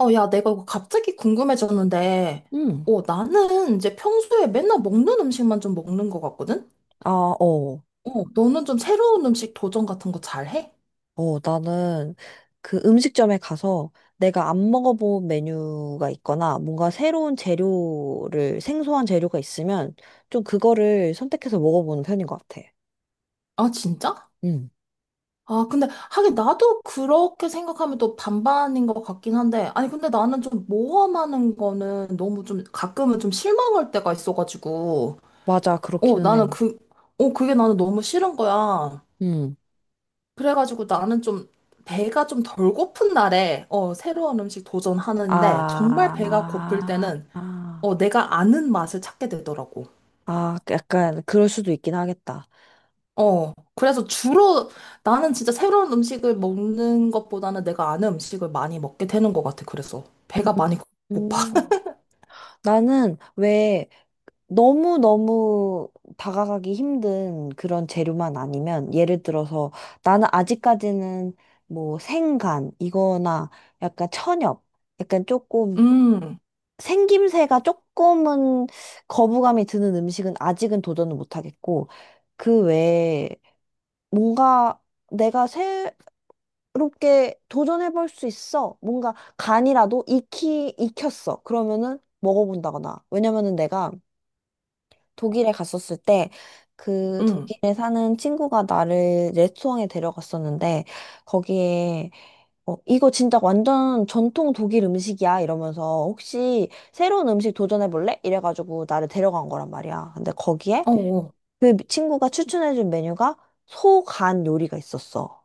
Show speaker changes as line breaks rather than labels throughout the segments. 어, 야, 내가 이거 갑자기 궁금해졌는데,
응.
어, 나는 이제 평소에 맨날 먹는 음식만 좀 먹는 것 같거든?
아, 어.
어, 너는 좀 새로운 음식 도전 같은 거 잘해?
어, 나는 그 음식점에 가서 내가 안 먹어본 메뉴가 있거나 뭔가 생소한 재료가 있으면 좀 그거를 선택해서 먹어보는 편인 것 같아.
아, 진짜?
응.
아, 근데 하긴 나도 그렇게 생각하면 또 반반인 것 같긴 한데, 아니, 근데 나는 좀 모험하는 거는 너무 좀 가끔은 좀 실망할 때가 있어가지고,
맞아,
어,
그렇기는 해.
나는 그, 그게 나는 너무 싫은 거야.
응.
그래가지고 나는 좀 배가 좀 덜 고픈 날에 어, 새로운 음식 도전하는데 정말
아,
배가 고플
아,
때는
아,
어, 내가 아는 맛을 찾게 되더라고.
아, 약간 그럴 수도 있긴 하겠다.
어, 그래서 주로 나는 진짜 새로운 음식을 먹는 것보다는 내가 아는 음식을 많이 먹게 되는 것 같아. 그래서 배가
음.
많이 고파.
음. 나는 왜 너무너무 다가가기 힘든 그런 재료만 아니면, 예를 들어서 나는 아직까지는 뭐 생간 이거나 약간 천엽, 약간 조금
음,
생김새가 조금은 거부감이 드는 음식은 아직은 도전을 못 하겠고, 그 외에 뭔가 내가 새롭게 도전해 볼 수 있어. 뭔가 간이라도 익히 익혔어. 그러면은 먹어본다거나. 왜냐면은 내가 독일에 갔었을 때, 그
음,
독일에 사는 친구가 나를 레스토랑에 데려갔었는데, 거기에 이거 진짜 완전 전통 독일 음식이야 이러면서, 혹시 새로운 음식 도전해 볼래? 이래가지고 나를 데려간 거란 말이야. 근데 거기에
어, 어.
그 친구가 추천해준 메뉴가 소간 요리가 있었어.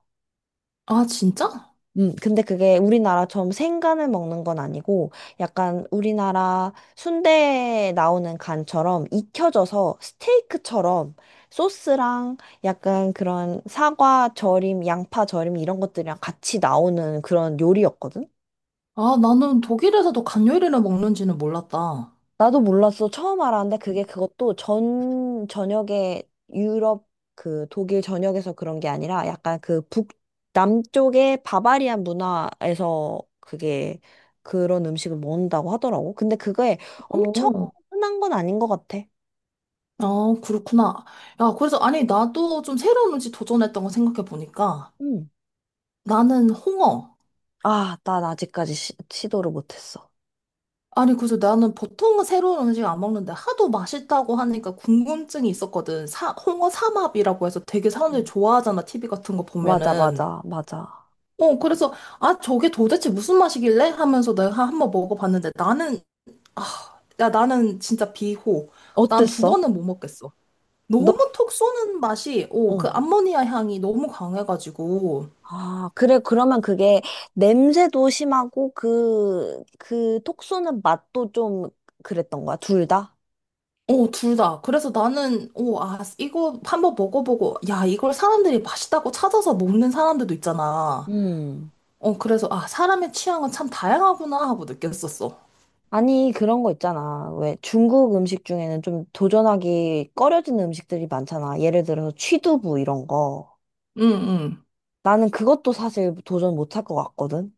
아, 진짜?
근데 그게 우리나라처럼 생간을 먹는 건 아니고, 약간 우리나라 순대에 나오는 간처럼 익혀져서 스테이크처럼 소스랑 약간 그런 사과 절임, 양파 절임 이런 것들이랑 같이 나오는 그런 요리였거든.
아, 나는 독일에서도 간요리를 먹는지는 몰랐다.
나도 몰랐어. 처음 알았는데, 그게 그것도 전 전역에 유럽 그 독일 전역에서 그런 게 아니라, 약간 그 남쪽의 바바리안 문화에서 그게 그런 음식을 먹는다고 하더라고. 근데 그게 엄청
어.
흔한 건 아닌 것 같아.
아, 그렇구나. 야, 그래서, 아니, 나도 좀 새로운 음식 도전했던 거 생각해보니까,
응.
나는 홍어.
아, 난 아직까지 도를 못했어.
아니, 그래서 나는 보통은 새로운 음식 안 먹는데, 하도 맛있다고 하니까 궁금증이 있었거든. 홍어 삼합이라고 해서 되게 사람들이
음.
좋아하잖아, TV 같은 거
맞아,
보면은.
맞아, 맞아.
어, 그래서, 아, 저게 도대체 무슨 맛이길래? 하면서 내가 한번 먹어봤는데, 나는, 아, 야, 나는 진짜 비호. 난 두
어땠어?
번은 못 먹겠어. 너무
너?
톡 쏘는 맛이, 오, 그
어.
암모니아 향이 너무 강해가지고.
아, 그래, 그러면 그게 냄새도 심하고 그, 그 톡 쏘는 맛도 좀 그랬던 거야, 둘 다?
어, 둘 다. 그래서 나는, 어, 아, 이거 한번 먹어보고, 야, 이걸 사람들이 맛있다고 찾아서 먹는 사람들도 있잖아.
음.
어, 그래서, 아, 사람의 취향은 참 다양하구나 하고 느꼈었어.
아니, 그런 거 있잖아. 왜 중국 음식 중에는 좀 도전하기 꺼려지는 음식들이 많잖아. 예를 들어서 취두부 이런 거.
응,
나는 그것도 사실 도전 못 할 것 같거든.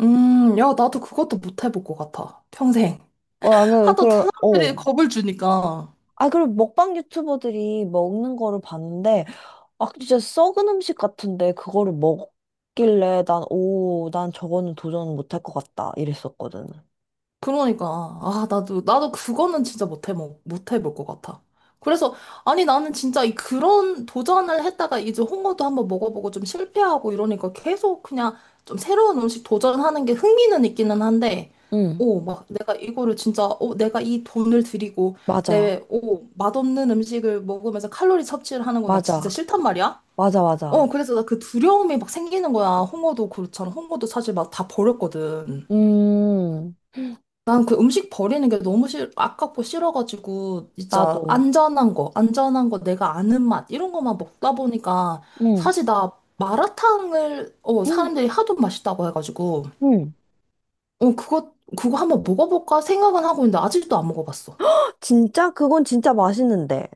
응. 야, 나도 그것도 못 해볼 것 같아. 평생.
어, 나는,
하도
그런, 어.
사람들이 겁을 주니까.
아, 그리고 먹방 유튜버들이 먹는 거를 봤는데, 아, 진짜 썩은 음식 같은데 그거를 먹길래 난, 오, 난 저거는 도전 못 할 것 같다. 이랬었거든.
그러니까 아 나도 그거는 진짜 못해 못해 볼 것 같아. 그래서 아니 나는 진짜 이 그런 도전을 했다가 이제 홍어도 한번 먹어보고 좀 실패하고 이러니까 계속 그냥 좀 새로운 음식 도전하는 게 흥미는 있기는 한데
응,
오 막 내가 이거를 진짜 오 내가 이 돈을 들이고
맞아.
내오 맛없는 음식을 먹으면서 칼로리 섭취를 하는 거 나 진짜
맞아.
싫단 말이야.
맞아,
어
맞아.
그래서 나 그 두려움이 막 생기는 거야. 홍어도 그렇잖아. 홍어도 사실 막 다 버렸거든.
음,
난 그 음식 버리는 게 너무 아깝고 싫어가지고, 진짜
나도.
안전한 거, 안전한 거, 내가 아는 맛, 이런 거만 먹다 보니까,
응,
사실 나 마라탕을, 어,
응,
사람들이 하도 맛있다고 해가지고,
응.
어, 그거 한번 먹어볼까 생각은 하고 있는데, 아직도 안 먹어봤어.
진짜? 그건 진짜 맛있는데.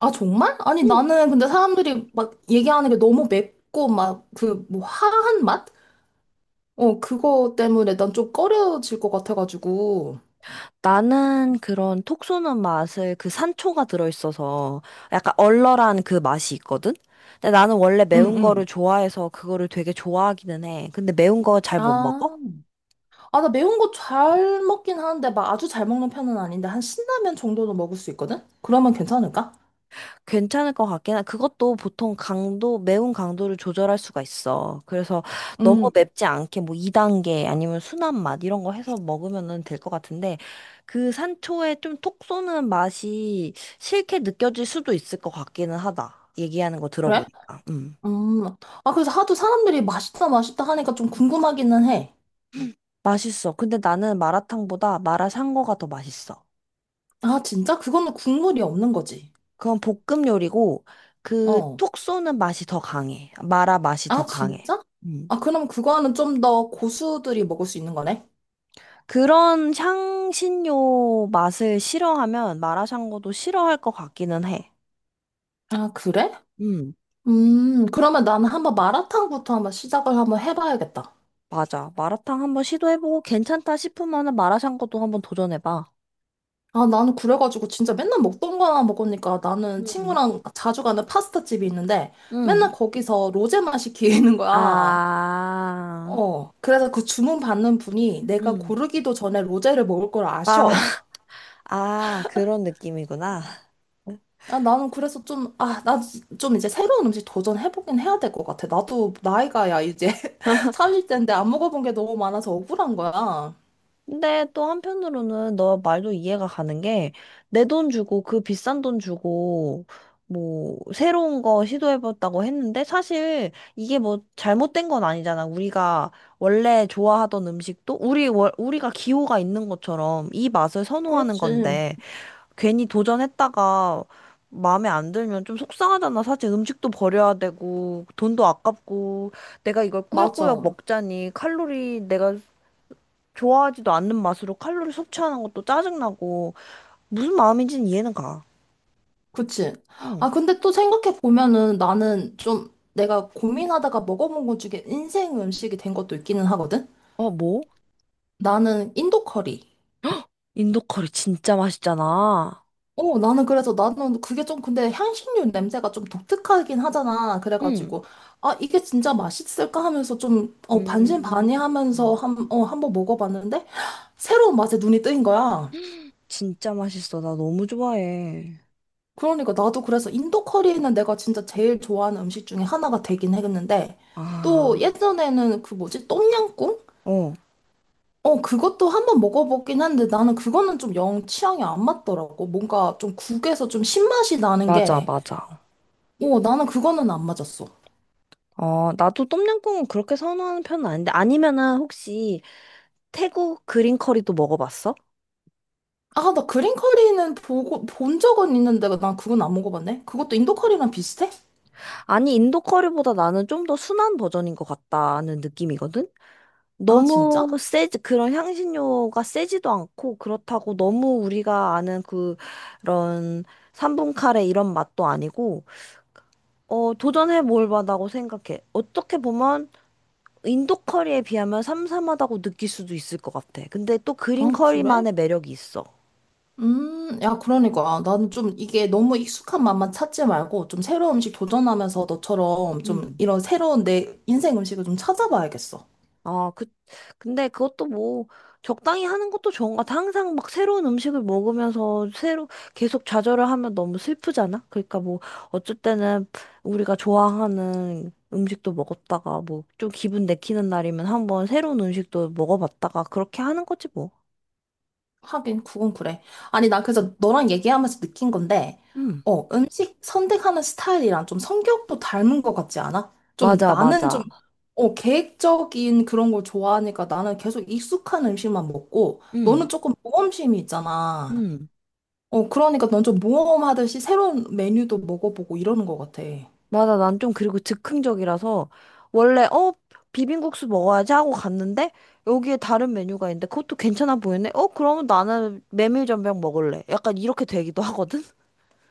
아, 정말? 아니,
응.
나는 근데 사람들이 막 얘기하는 게 너무 맵고, 막, 그, 뭐, 화한 맛? 어, 그거 때문에 난 좀 꺼려질 것 같아가지고,
나는 그런 톡 쏘는 맛을, 그 산초가 들어있어서 약간 얼얼한 그 맛이 있거든? 근데 나는 원래
응,
매운 거를
응.
좋아해서 그거를 되게 좋아하기는 해. 근데 매운 거 잘 못 먹어?
아. 아, 나 매운 거 잘 먹긴 하는데, 막 아주 잘 먹는 편은 아닌데, 한 신라면 정도는 먹을 수 있거든? 그러면 괜찮을까?
괜찮을 것 같긴 해. 그것도 보통 강도, 매운 강도를 조절할 수가 있어. 그래서 너무
음,
맵지 않게 뭐 2단계 아니면 순한 맛 이런 거 해서 먹으면은 될 것 같은데, 그 산초의 좀 톡 쏘는 맛이 싫게 느껴질 수도 있을 것 같기는 하다. 얘기하는 거
그래?
들어보니까. 음.
음. 아, 그래서 하도 사람들이 맛있다, 맛있다 하니까 좀 궁금하기는 해.
맛있어. 근데 나는 마라탕보다 마라샹궈가 더 맛있어.
아, 진짜? 그거는 국물이 없는 거지.
그건 볶음 요리고, 그
어.
톡 쏘는 맛이 더 강해. 마라 맛이 더
아,
강해.
진짜?
음.
아, 그럼 그거는 좀 더 고수들이 먹을 수 있는 거네?
그런 향신료 맛을 싫어하면 마라샹궈도 싫어할 것 같기는 해.
아, 그래?
음,
그러면 나는 한번 마라탕부터 한번 시작을 한번 해봐야겠다.
맞아. 마라탕 한번 시도해보고 괜찮다 싶으면은 마라샹궈도 한번 도전해봐.
아, 나는 그래가지고 진짜 맨날 먹던 거 하나 먹으니까 나는
음.
친구랑 자주 가는 파스타집이 있는데 맨날
음.
거기서 로제만 시키는 거야.
아,
어. 그래서 그 주문 받는 분이 내가
음.
고르기도 전에 로제를 먹을 걸
아,
아셔.
아, 그런 느낌이구나.
아, 나는 그래서 좀, 아, 나 좀 이제 새로운 음식 도전해보긴 해야 될 것 같아. 나도 나이가 야, 이제 30대인데 안 먹어본 게 너무 많아서 억울한 거야.
근데 또 한편으로는 너 말도 이해가 가는 게, 내 돈 주고, 그 비싼 돈 주고 뭐 새로운 거 시도해봤다고 했는데, 사실 이게 뭐 잘못된 건 아니잖아. 우리가 원래 좋아하던 음식도, 우리가 기호가 있는 것처럼 이 맛을 선호하는
그렇지.
건데, 괜히 도전했다가 마음에 안 들면 좀 속상하잖아. 사실 음식도 버려야 되고, 돈도 아깝고, 내가 이걸 꾸역꾸역
맞아.
먹자니 칼로리, 내가 좋아하지도 않는 맛으로 칼로리 섭취하는 것도 짜증나고. 무슨 마음인지는 이해는 가.
그치.
응.
아, 근데 또 생각해보면은 나는 좀 내가 고민하다가 먹어본 것 중에 인생 음식이 된 것도 있기는 하거든?
어, 뭐?
나는 인도 커리.
인도 커리 진짜 맛있잖아.
나는 그게 좀 근데 향신료 냄새가 좀 독특하긴 하잖아.
응.
그래가지고, 아, 이게 진짜 맛있을까 하면서 좀, 어,
음.
반신반의하면서
음.
한번 먹어봤는데, 새로운 맛에 눈이 뜨인 거야.
진짜 맛있어. 나 너무 좋아해.
그러니까 나도 그래서 인도 커리는 내가 진짜 제일 좋아하는 음식 중에 하나가 되긴 했는데 또
아.
예전에는 그 뭐지 똠양꿍?
어.
어 그것도 한번 먹어보긴 했는데 나는 그거는 좀 영 취향이 안 맞더라고 뭔가 좀 국에서 좀 신맛이 나는
맞아,
게
맞아.
어, 나는 그거는 안 맞았어
어, 나도 똠양꿍은 그렇게 선호하는 편은 아닌데. 아니면은 혹시 태국 그린 커리도 먹어봤어?
아 나 그린 커리는 보고 본 적은 있는데 난 그건 안 먹어봤네 그것도 인도 커리랑 비슷해?
아니, 인도 커리보다 나는 좀 더 순한 버전인 것 같다는 느낌이거든?
아 진짜?
너무 세지, 그런 향신료가 세지도 않고, 그렇다고 너무 우리가 아는 그, 런 삼분 카레 이런 맛도 아니고, 어, 도전해 볼 만하다고 생각해. 어떻게 보면, 인도 커리에 비하면 삼삼하다고 느낄 수도 있을 것 같아. 근데 또
아
그린
그래?
커리만의 매력이 있어.
야, 그러니까. 아, 나는 좀 이게 너무 익숙한 맛만 찾지 말고 좀 새로운 음식 도전하면서 너처럼 좀
음.
이런 새로운 내 인생 음식을 좀 찾아봐야겠어.
아, 그, 근데 그것도 뭐, 적당히 하는 것도 좋은 것 같아. 항상 막 새로운 음식을 먹으면서 새로, 계속 좌절을 하면 너무 슬프잖아? 그러니까 뭐, 어쩔 때는 우리가 좋아하는 음식도 먹었다가, 뭐, 좀 기분 내키는 날이면 한번 새로운 음식도 먹어봤다가, 그렇게 하는 거지 뭐.
하긴, 그건 그래. 아니, 나 그래서 너랑 얘기하면서 느낀 건데,
응,
어, 음식 선택하는 스타일이랑 좀 성격도 닮은 것 같지 않아? 좀
맞아,
나는
맞아.
좀, 어, 계획적인 그런 걸 좋아하니까 나는 계속 익숙한 음식만 먹고,
응,
너는 조금 모험심이 있잖아.
응.
어, 그러니까 넌 좀 모험하듯이 새로운 메뉴도 먹어보고 이러는 것 같아.
맞아, 난 좀, 그리고 즉흥적이라서 원래 비빔국수 먹어야지 하고 갔는데 여기에 다른 메뉴가 있는데 그것도 괜찮아 보이네. 어, 그러면 나는 메밀전병 먹을래. 약간 이렇게 되기도 하거든.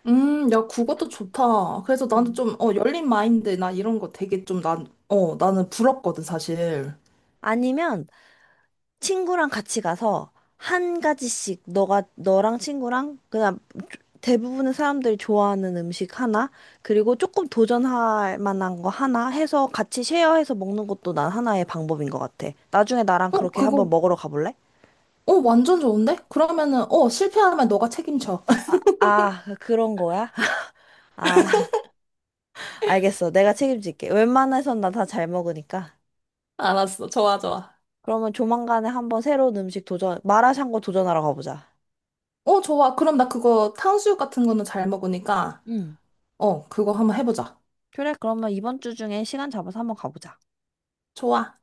야, 그것도 좋다. 그래서 나는
음.
좀, 어, 열린 마인드, 나 이런 거 되게 좀, 난, 어, 나는 부럽거든, 사실.
아니면 친구랑 같이 가서 한 가지씩 너가 너랑 친구랑 그냥 대부분의 사람들이 좋아하는 음식 하나, 그리고 조금 도전할 만한 거 하나 해서 같이 쉐어해서 먹는 것도 난 하나의 방법인 것 같아. 나중에 나랑
어,
그렇게 한번
그거,
먹으러 가볼래?
어, 완전 좋은데? 그러면은, 어, 실패하면 너가 책임져.
아, 그런 거야? 아, 알겠어. 내가 책임질게. 웬만해선 나 다 잘 먹으니까.
알았어. 좋아, 좋아.
그러면 조만간에 한번 새로운 음식 도전, 마라샹궈 도전하러 가보자.
어, 좋아. 그럼 나 그거 탕수육 같은 거는 잘 먹으니까,
응.
어, 그거 한번 해보자.
그래, 그러면 이번 주 중에 시간 잡아서 한번 가보자.
좋아.